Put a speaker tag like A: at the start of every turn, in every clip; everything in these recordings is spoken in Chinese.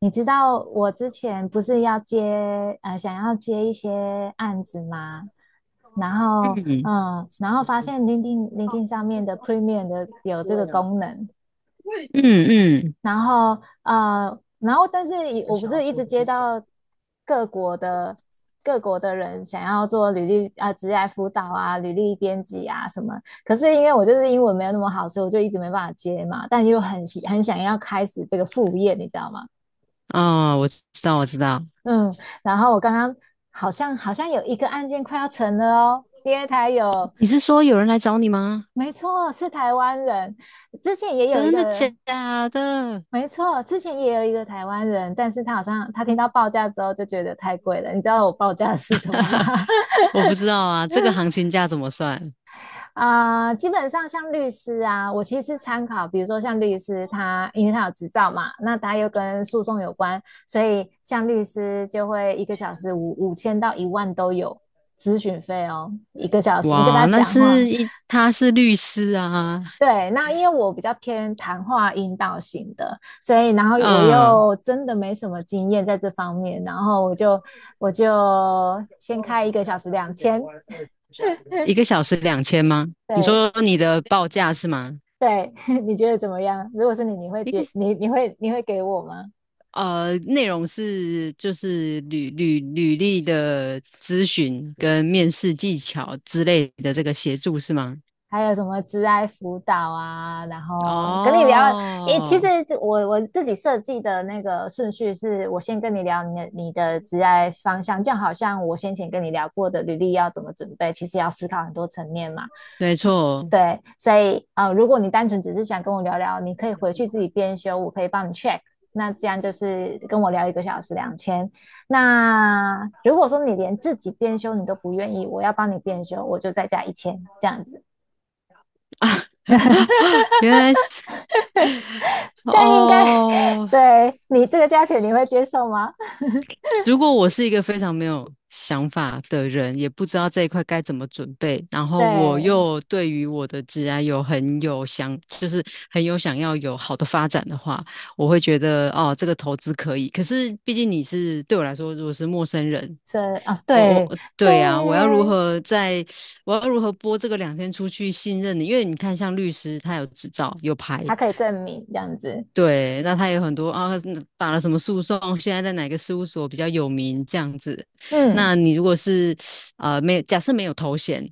A: 你知道我之前不是想要接一些案子吗？然后发现 LinkedIn 上面的 Premium 的有这个功能。然后但是我不是一直接到各国的各国的人想要做履历啊、职业辅导啊、履历编辑啊什么。可是因为我就是英文没有那么好，所以我就一直没办法接嘛，但又很想要开始这个副业，你知道吗？
B: 哦，我知道，我知道。
A: 嗯，然后我刚刚好像有一个案件快要成了哦，第二台有。
B: 你是说有人来找你吗？
A: 没错，是台湾人。之前也有一
B: 真的
A: 个。
B: 假的？
A: 没错，之前也有一个台湾人，但是他好像听到报价之后就觉得太贵了。你知道我报价是什么吗？
B: 我不知道啊，这个行情价怎么算？
A: 啊、基本上像律师啊，我其实参考，比如说像律师他，因为他有执照嘛，那他又跟诉讼有关，所以像律师就会一个小时五千到一万都有咨询费哦，一个小时你跟
B: 哇，
A: 他
B: 那
A: 讲话。
B: 是一，他是律师啊。
A: 对，那因为我比较偏谈话引导型的，所以然后我
B: 嗯，
A: 又真的没什么经验在这方面，然后我就先开一个小时两千。
B: 一个小时2000吗？你
A: 对。
B: 说你的报价是吗？
A: 对。你觉得怎么样？如果是你，你会
B: 一个
A: 觉你你会你会给我吗？
B: 内容是就是履历的咨询跟面试技巧之类的这个协助是吗？
A: 还有什么职爱辅导啊？然后跟你聊。诶，其实
B: 哦，
A: 我自己设计的那个顺序是，我先跟你聊你的职爱方向，就好像我先前跟你聊过的履历要怎么准备，其实要思考很多层面嘛。
B: 没错。
A: 对，所以如果你单纯只是想跟我聊聊，你可以回去自己编修，我可以帮你 check。那这样就是跟我聊一个小时两千。那如果说你连自己编修你都不愿意，我要帮你编修，我就再加一千这样子。
B: 啊？原来是
A: 但应该
B: 哦。
A: 对你这个价钱你会接受吗？
B: 如果我是一个非常没有想法的人，也不知道这一块该怎么准备，然后我
A: 对。
B: 又对于我的职涯有很有想，就是很有想要有好的发展的话，我会觉得哦，这个投资可以。可是毕竟你是对我来说，如果是陌生人，
A: 是啊。
B: 我我
A: 对
B: 我
A: 对。
B: 对啊，我要如何播这个两天出去信任你？因为你看，像律师他有执照有牌，
A: 他可以证明这样子。
B: 对，那他有很多啊，打了什么诉讼，现在在哪个事务所比较有名这样子。
A: 嗯
B: 那你如果是啊，没有假设没有头衔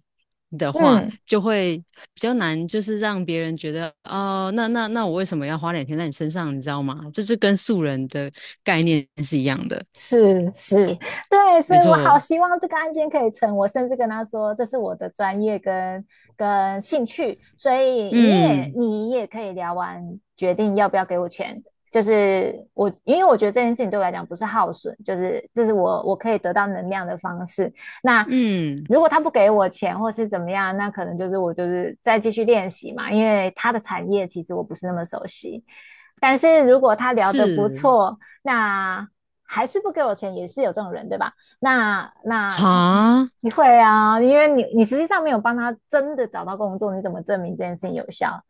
B: 的话，
A: 嗯。
B: 就会比较难，就是让别人觉得哦，那我为什么要花两天在你身上，你知道吗？这是跟素人的概念是一样的，
A: 是是。对，所
B: 没
A: 以我好
B: 错。
A: 希望这个案件可以成。我甚至跟他说，这是我的专业跟兴趣，所以你也
B: 嗯
A: 你也可以聊完决定要不要给我钱。就是我，因为我觉得这件事情对我来讲不是耗损，就是这是我可以得到能量的方式。那
B: 嗯，
A: 如果他不给我钱或是怎么样，那可能就是我就是再继续练习嘛，因为他的产业其实我不是那么熟悉。但是如果他聊得不
B: 是
A: 错，那还是不给我钱，也是有这种人，对吧？那他
B: 哈，
A: 你会啊，因为你实际上没有帮他真的找到工作，你怎么证明这件事情有效？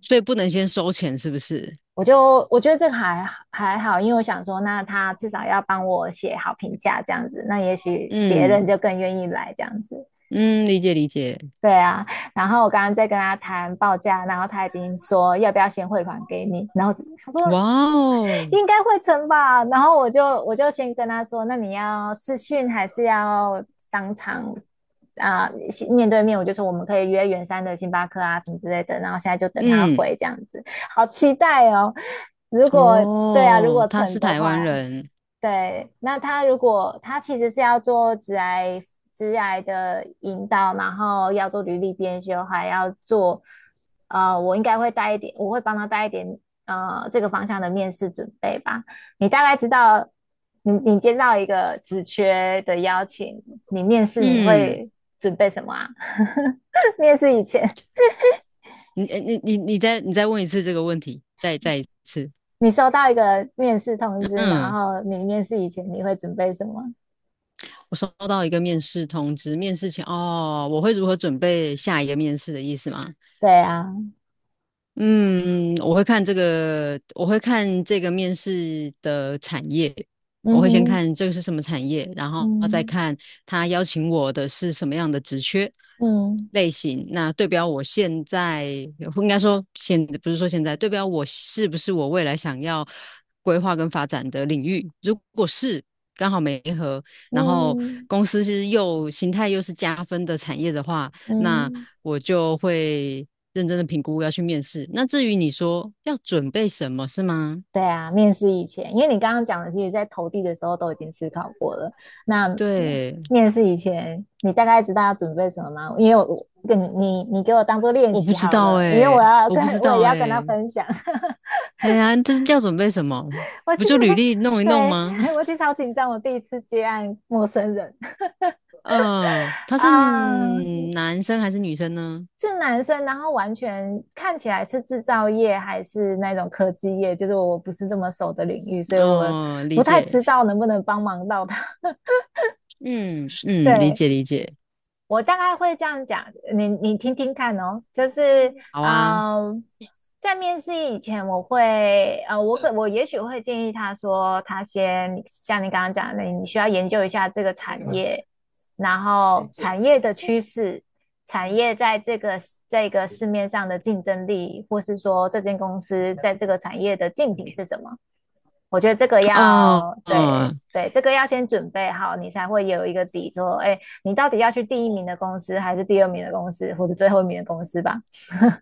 B: 所以不能先收钱，是不是？
A: 我觉得这个还好，因为我想说，那他至少要帮我写好评价这样子，那也许别人
B: 嗯
A: 就更愿意来这样子。
B: 嗯，理解理解。
A: 对啊。然后我刚刚在跟他谈报价，然后他已经说要不要先汇款给你，然后我想说
B: 哇哦，
A: 应该会成吧。然后我就先跟他说，那你要视讯还是要当场啊、呃面对面？我就说我们可以约圆山的星巴克啊什么之类的。然后现在就等他回
B: 嗯。
A: 这样子。好期待哦。如果对啊，如果
B: 哦，他
A: 成
B: 是
A: 的
B: 台湾
A: 话。
B: 人。
A: 对。那他如果他其实是要做职癌的引导，然后要做履历编修，还要做。我应该会带一点，我会帮他带一点这个方向的面试准备吧。你大概知道，你接到一个职缺的邀请，你面试你
B: 嗯，
A: 会准备什么啊？面试以前，
B: 你再问一次这个问题，再一次。
A: 你收到一个面试通知，然
B: 嗯，
A: 后你面试以前你会准备什么？
B: 我收到一个面试通知，面试前哦，我会如何准备下一个面试的意思吗？
A: 对啊。
B: 嗯，我会看这个面试的产业，我
A: 嗯
B: 会先
A: 哼。
B: 看这个是什么产业，然后再
A: 嗯
B: 看他邀请我的是什么样的职缺
A: 嗯
B: 类型，那对标我现在，应该说现，不是说现在，对标我是不是我未来想要规划跟发展的领域，如果是刚好没合，然后
A: 嗯
B: 公司是又形态又是加分的产业的话。那
A: 嗯。
B: 我就会认真的评估要去面试。那至于你说要准备什么，是吗？
A: 对啊，面试以前，因为你刚刚讲的，其实在投递的时候都已经思考过了。那那
B: 对，
A: 面试以前，你大概知道要准备什么吗？因为我跟你给我当做练
B: 我不
A: 习
B: 知
A: 好
B: 道
A: 了，因为
B: 哎、我不知
A: 我也
B: 道
A: 要跟他
B: 哎、
A: 分享。
B: 哎呀，这是要准备什么？
A: 我其
B: 不
A: 实
B: 就履
A: 是
B: 历弄一弄吗？
A: 对 我其 实好紧张，我第一次接案陌生人
B: 嗯，他是
A: 啊，
B: 男生还是女生呢？
A: 是男生，然后完全看起来是制造业还是那种科技业，就是我不是这么熟的领域，所以我
B: 哦，理
A: 不太
B: 解。
A: 知道能不能帮忙到他。
B: 嗯嗯，理
A: 对，
B: 解理解。
A: 我大概会这样讲，你听听看哦。就是
B: 好啊。
A: 嗯，在面试以前，我会呃，我可我也许会建议他说，他先像你刚刚讲的，你需要研究一下这个产业，然后产业的趋势，产业在这个市面上的竞争力，或是说这间公司在这个产业的竞品是什么。我觉得这个
B: 哦
A: 要
B: 哦，
A: 对。对，这个要先准备好，你才会有一个底座。哎，你到底要去第一名的公司，还是第二名的公司，或者最后一名的公司吧？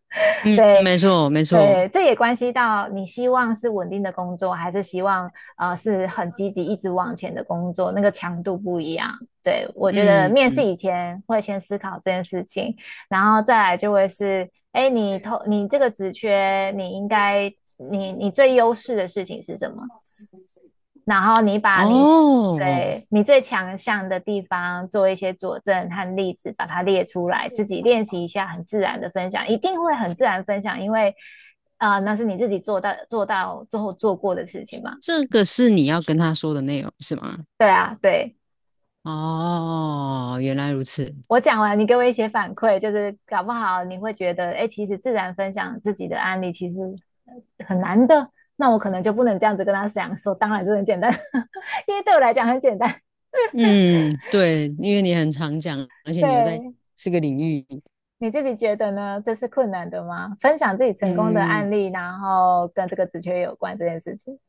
B: 嗯，
A: 对
B: 没错没错。
A: 对。这也关系到你希望是稳定的工作，还是希望是很积极一直往前的工作，那个强度不一样。对，我觉得
B: 嗯
A: 面试
B: 嗯。
A: 以前会先思考这件事情。然后再来就会是，哎，你投你这个职缺，你应该你最优势的事情是什么？然后你把你
B: 哦，
A: 对你最强项的地方做一些佐证和例子，把它列出来，自己练习一下，很自然的分享，一定会很自然分享，因为那是你自己做到最后做过的事情嘛。
B: 这个是你要跟他说的内容是吗？
A: 对啊。对。
B: 哦，原来如此。
A: 我讲完，你给我一些反馈，就是搞不好你会觉得，哎，其实自然分享自己的案例其实很难的，那我可能就不能这样子跟他讲说，当然这很简单，因为对我来讲很简单。
B: 嗯，对，因为你很常讲，而且你又在
A: 对。
B: 这个领域。
A: 你自己觉得呢？这是困难的吗？分享自己成功的案
B: 嗯，
A: 例，然后跟这个职缺有关这件事情。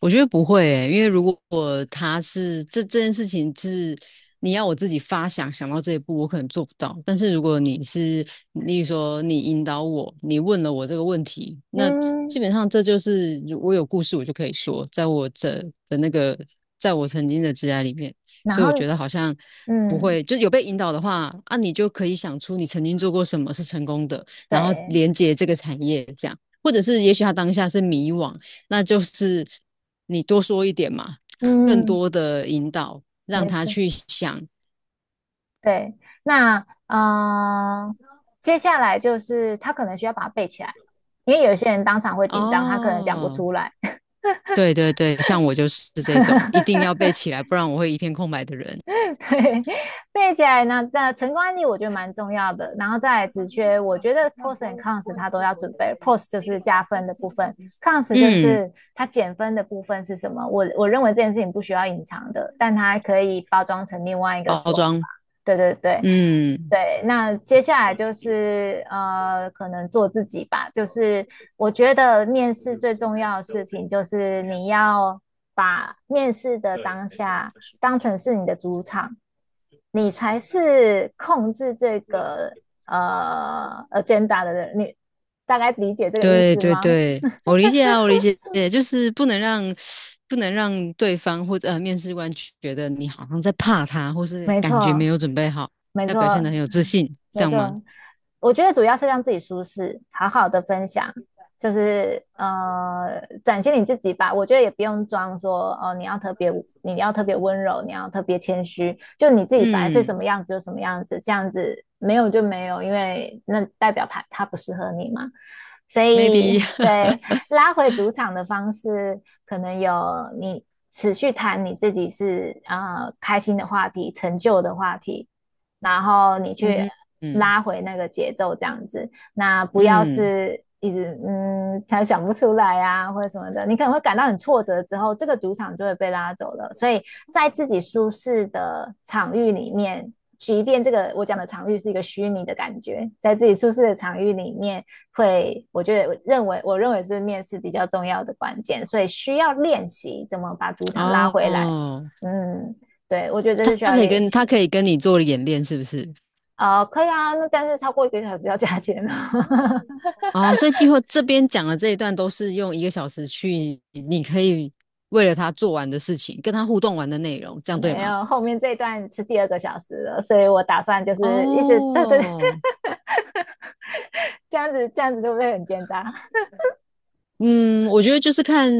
B: 我觉得不会诶、因为如果他是这件事情是你要我自己发想想到这一步，我可能做不到。但是如果你是，例如说你引导我，你问了我这个问题，那基
A: 嗯。
B: 本上这就是我有故事我就可以说，的那个，在我曾经的职涯里面，
A: 然
B: 所以我觉
A: 后
B: 得好像不
A: 嗯，
B: 会，就有被引导的话啊，你就可以想出你曾经做过什么是成功的，然后
A: 对，
B: 连接这个产业这样。或者是也许他当下是迷惘，那就是你多说一点嘛，更
A: 嗯，
B: 多的引导，让
A: 没
B: 他
A: 事，
B: 去想。
A: 对。那嗯、呃接下来就是他可能需要把它背起来，因为有些人当场会紧张，他可能讲不
B: 哦，
A: 出来。
B: 对对对，像我就是这种，一定要 背起来，不然我会一片空白的人。
A: 对。背起来呢，那成功案例我觉得蛮重要的。然后再来职缺，我觉得 pros and cons 它都要准备，pros 就是加分的部分，cons 就
B: 嗯，
A: 是它减分的部分是什么？我认为这件事情不需要隐藏的，但它可以包装成另外一个
B: 包
A: 说法。
B: 装，
A: 对对对。
B: 嗯，
A: 对，那接下来就是可能做自己吧。就是我觉得面试最重要的事情，就是你要把面试的当下当成是你的主场，你才是控制这个agenda 的人。你大概理解这个意
B: 对
A: 思
B: 对
A: 吗？
B: 对，我理解啊，我理解，就是不能让对方或者面试官觉得你好像在怕他，或是
A: 没
B: 感觉没
A: 错。
B: 有准备好，
A: 没
B: 要表现
A: 错。
B: 得很有自信，这
A: 没
B: 样吗？
A: 错。我觉得主要是让自己舒适，好好的分享，就是展现你自己吧。我觉得也不用装说哦，你要特别，你要特别温柔，你要特别谦虚，就你自己本来是什
B: 嗯
A: 么样子就什么样子，这样子没有就没有，因为那代表他不适合你嘛。所
B: ，maybe。
A: 以对。拉回主场的方式，可能有你持续谈你自己是开心的话题、成就的话题。然后你 去
B: 嗯嗯
A: 拉回那个节奏这样子。那不要
B: 嗯。
A: 是一直嗯，才想不出来啊，或者什么的，你可能会感到很挫折，之后这个主场就会被拉走了。所以在自己舒适的场域里面，即便这个我讲的场域是一个虚拟的感觉，在自己舒适的场域里面会，我觉得我认为是面试比较重要的关键，所以需要练习怎么把主场拉回来。
B: 哦，
A: 嗯。对，我觉得这是需要练
B: 他可
A: 习。
B: 以跟你做演练，是不是？
A: 哦，可以啊，那但是超过一个小时要加钱哦。
B: 哦，所以计划这边讲的这一段都是用一个小时去，你可以为了他做完的事情，跟他互动完的内容，这样对
A: 没
B: 吗？
A: 有，后面这一段是第二个小时了，所以我打算就是一直 对对。
B: 哦，
A: 这样子就不会很奸诈？
B: 嗯，我觉得就是看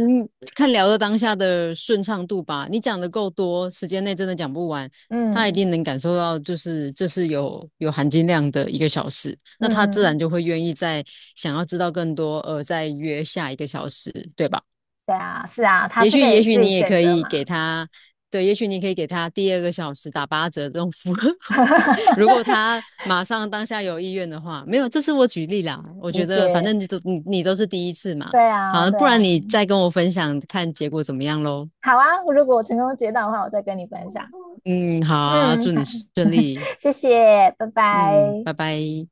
B: 看聊的当下的顺畅度吧。你讲的够多，时间内真的讲不完，他一
A: 嗯
B: 定能感受到，就是这是有含金量的一个小时，那他自然
A: 嗯。
B: 就会愿意再想要知道更多，而再约下一个小时，对吧？
A: 对啊。是啊，他
B: 也
A: 是
B: 许
A: 可
B: 也
A: 以
B: 许
A: 自己
B: 你也
A: 选
B: 可
A: 择
B: 以
A: 嘛。
B: 给他，对，也许你可以给他第二个小时打八折这种服务。如果他 马上当下有意愿的话，没有，这是我举例啦。我
A: 理
B: 觉得反
A: 解。
B: 正你都是第一次嘛，
A: 对啊
B: 好，
A: 对
B: 不然
A: 啊。
B: 你再跟我分享看结果怎么样喽。
A: 好啊，如果我成功接到的话，我再跟你分享。
B: 嗯，好啊，
A: 嗯。
B: 祝
A: 好。
B: 你顺利。
A: 谢谢。拜
B: 嗯，
A: 拜。
B: 拜拜。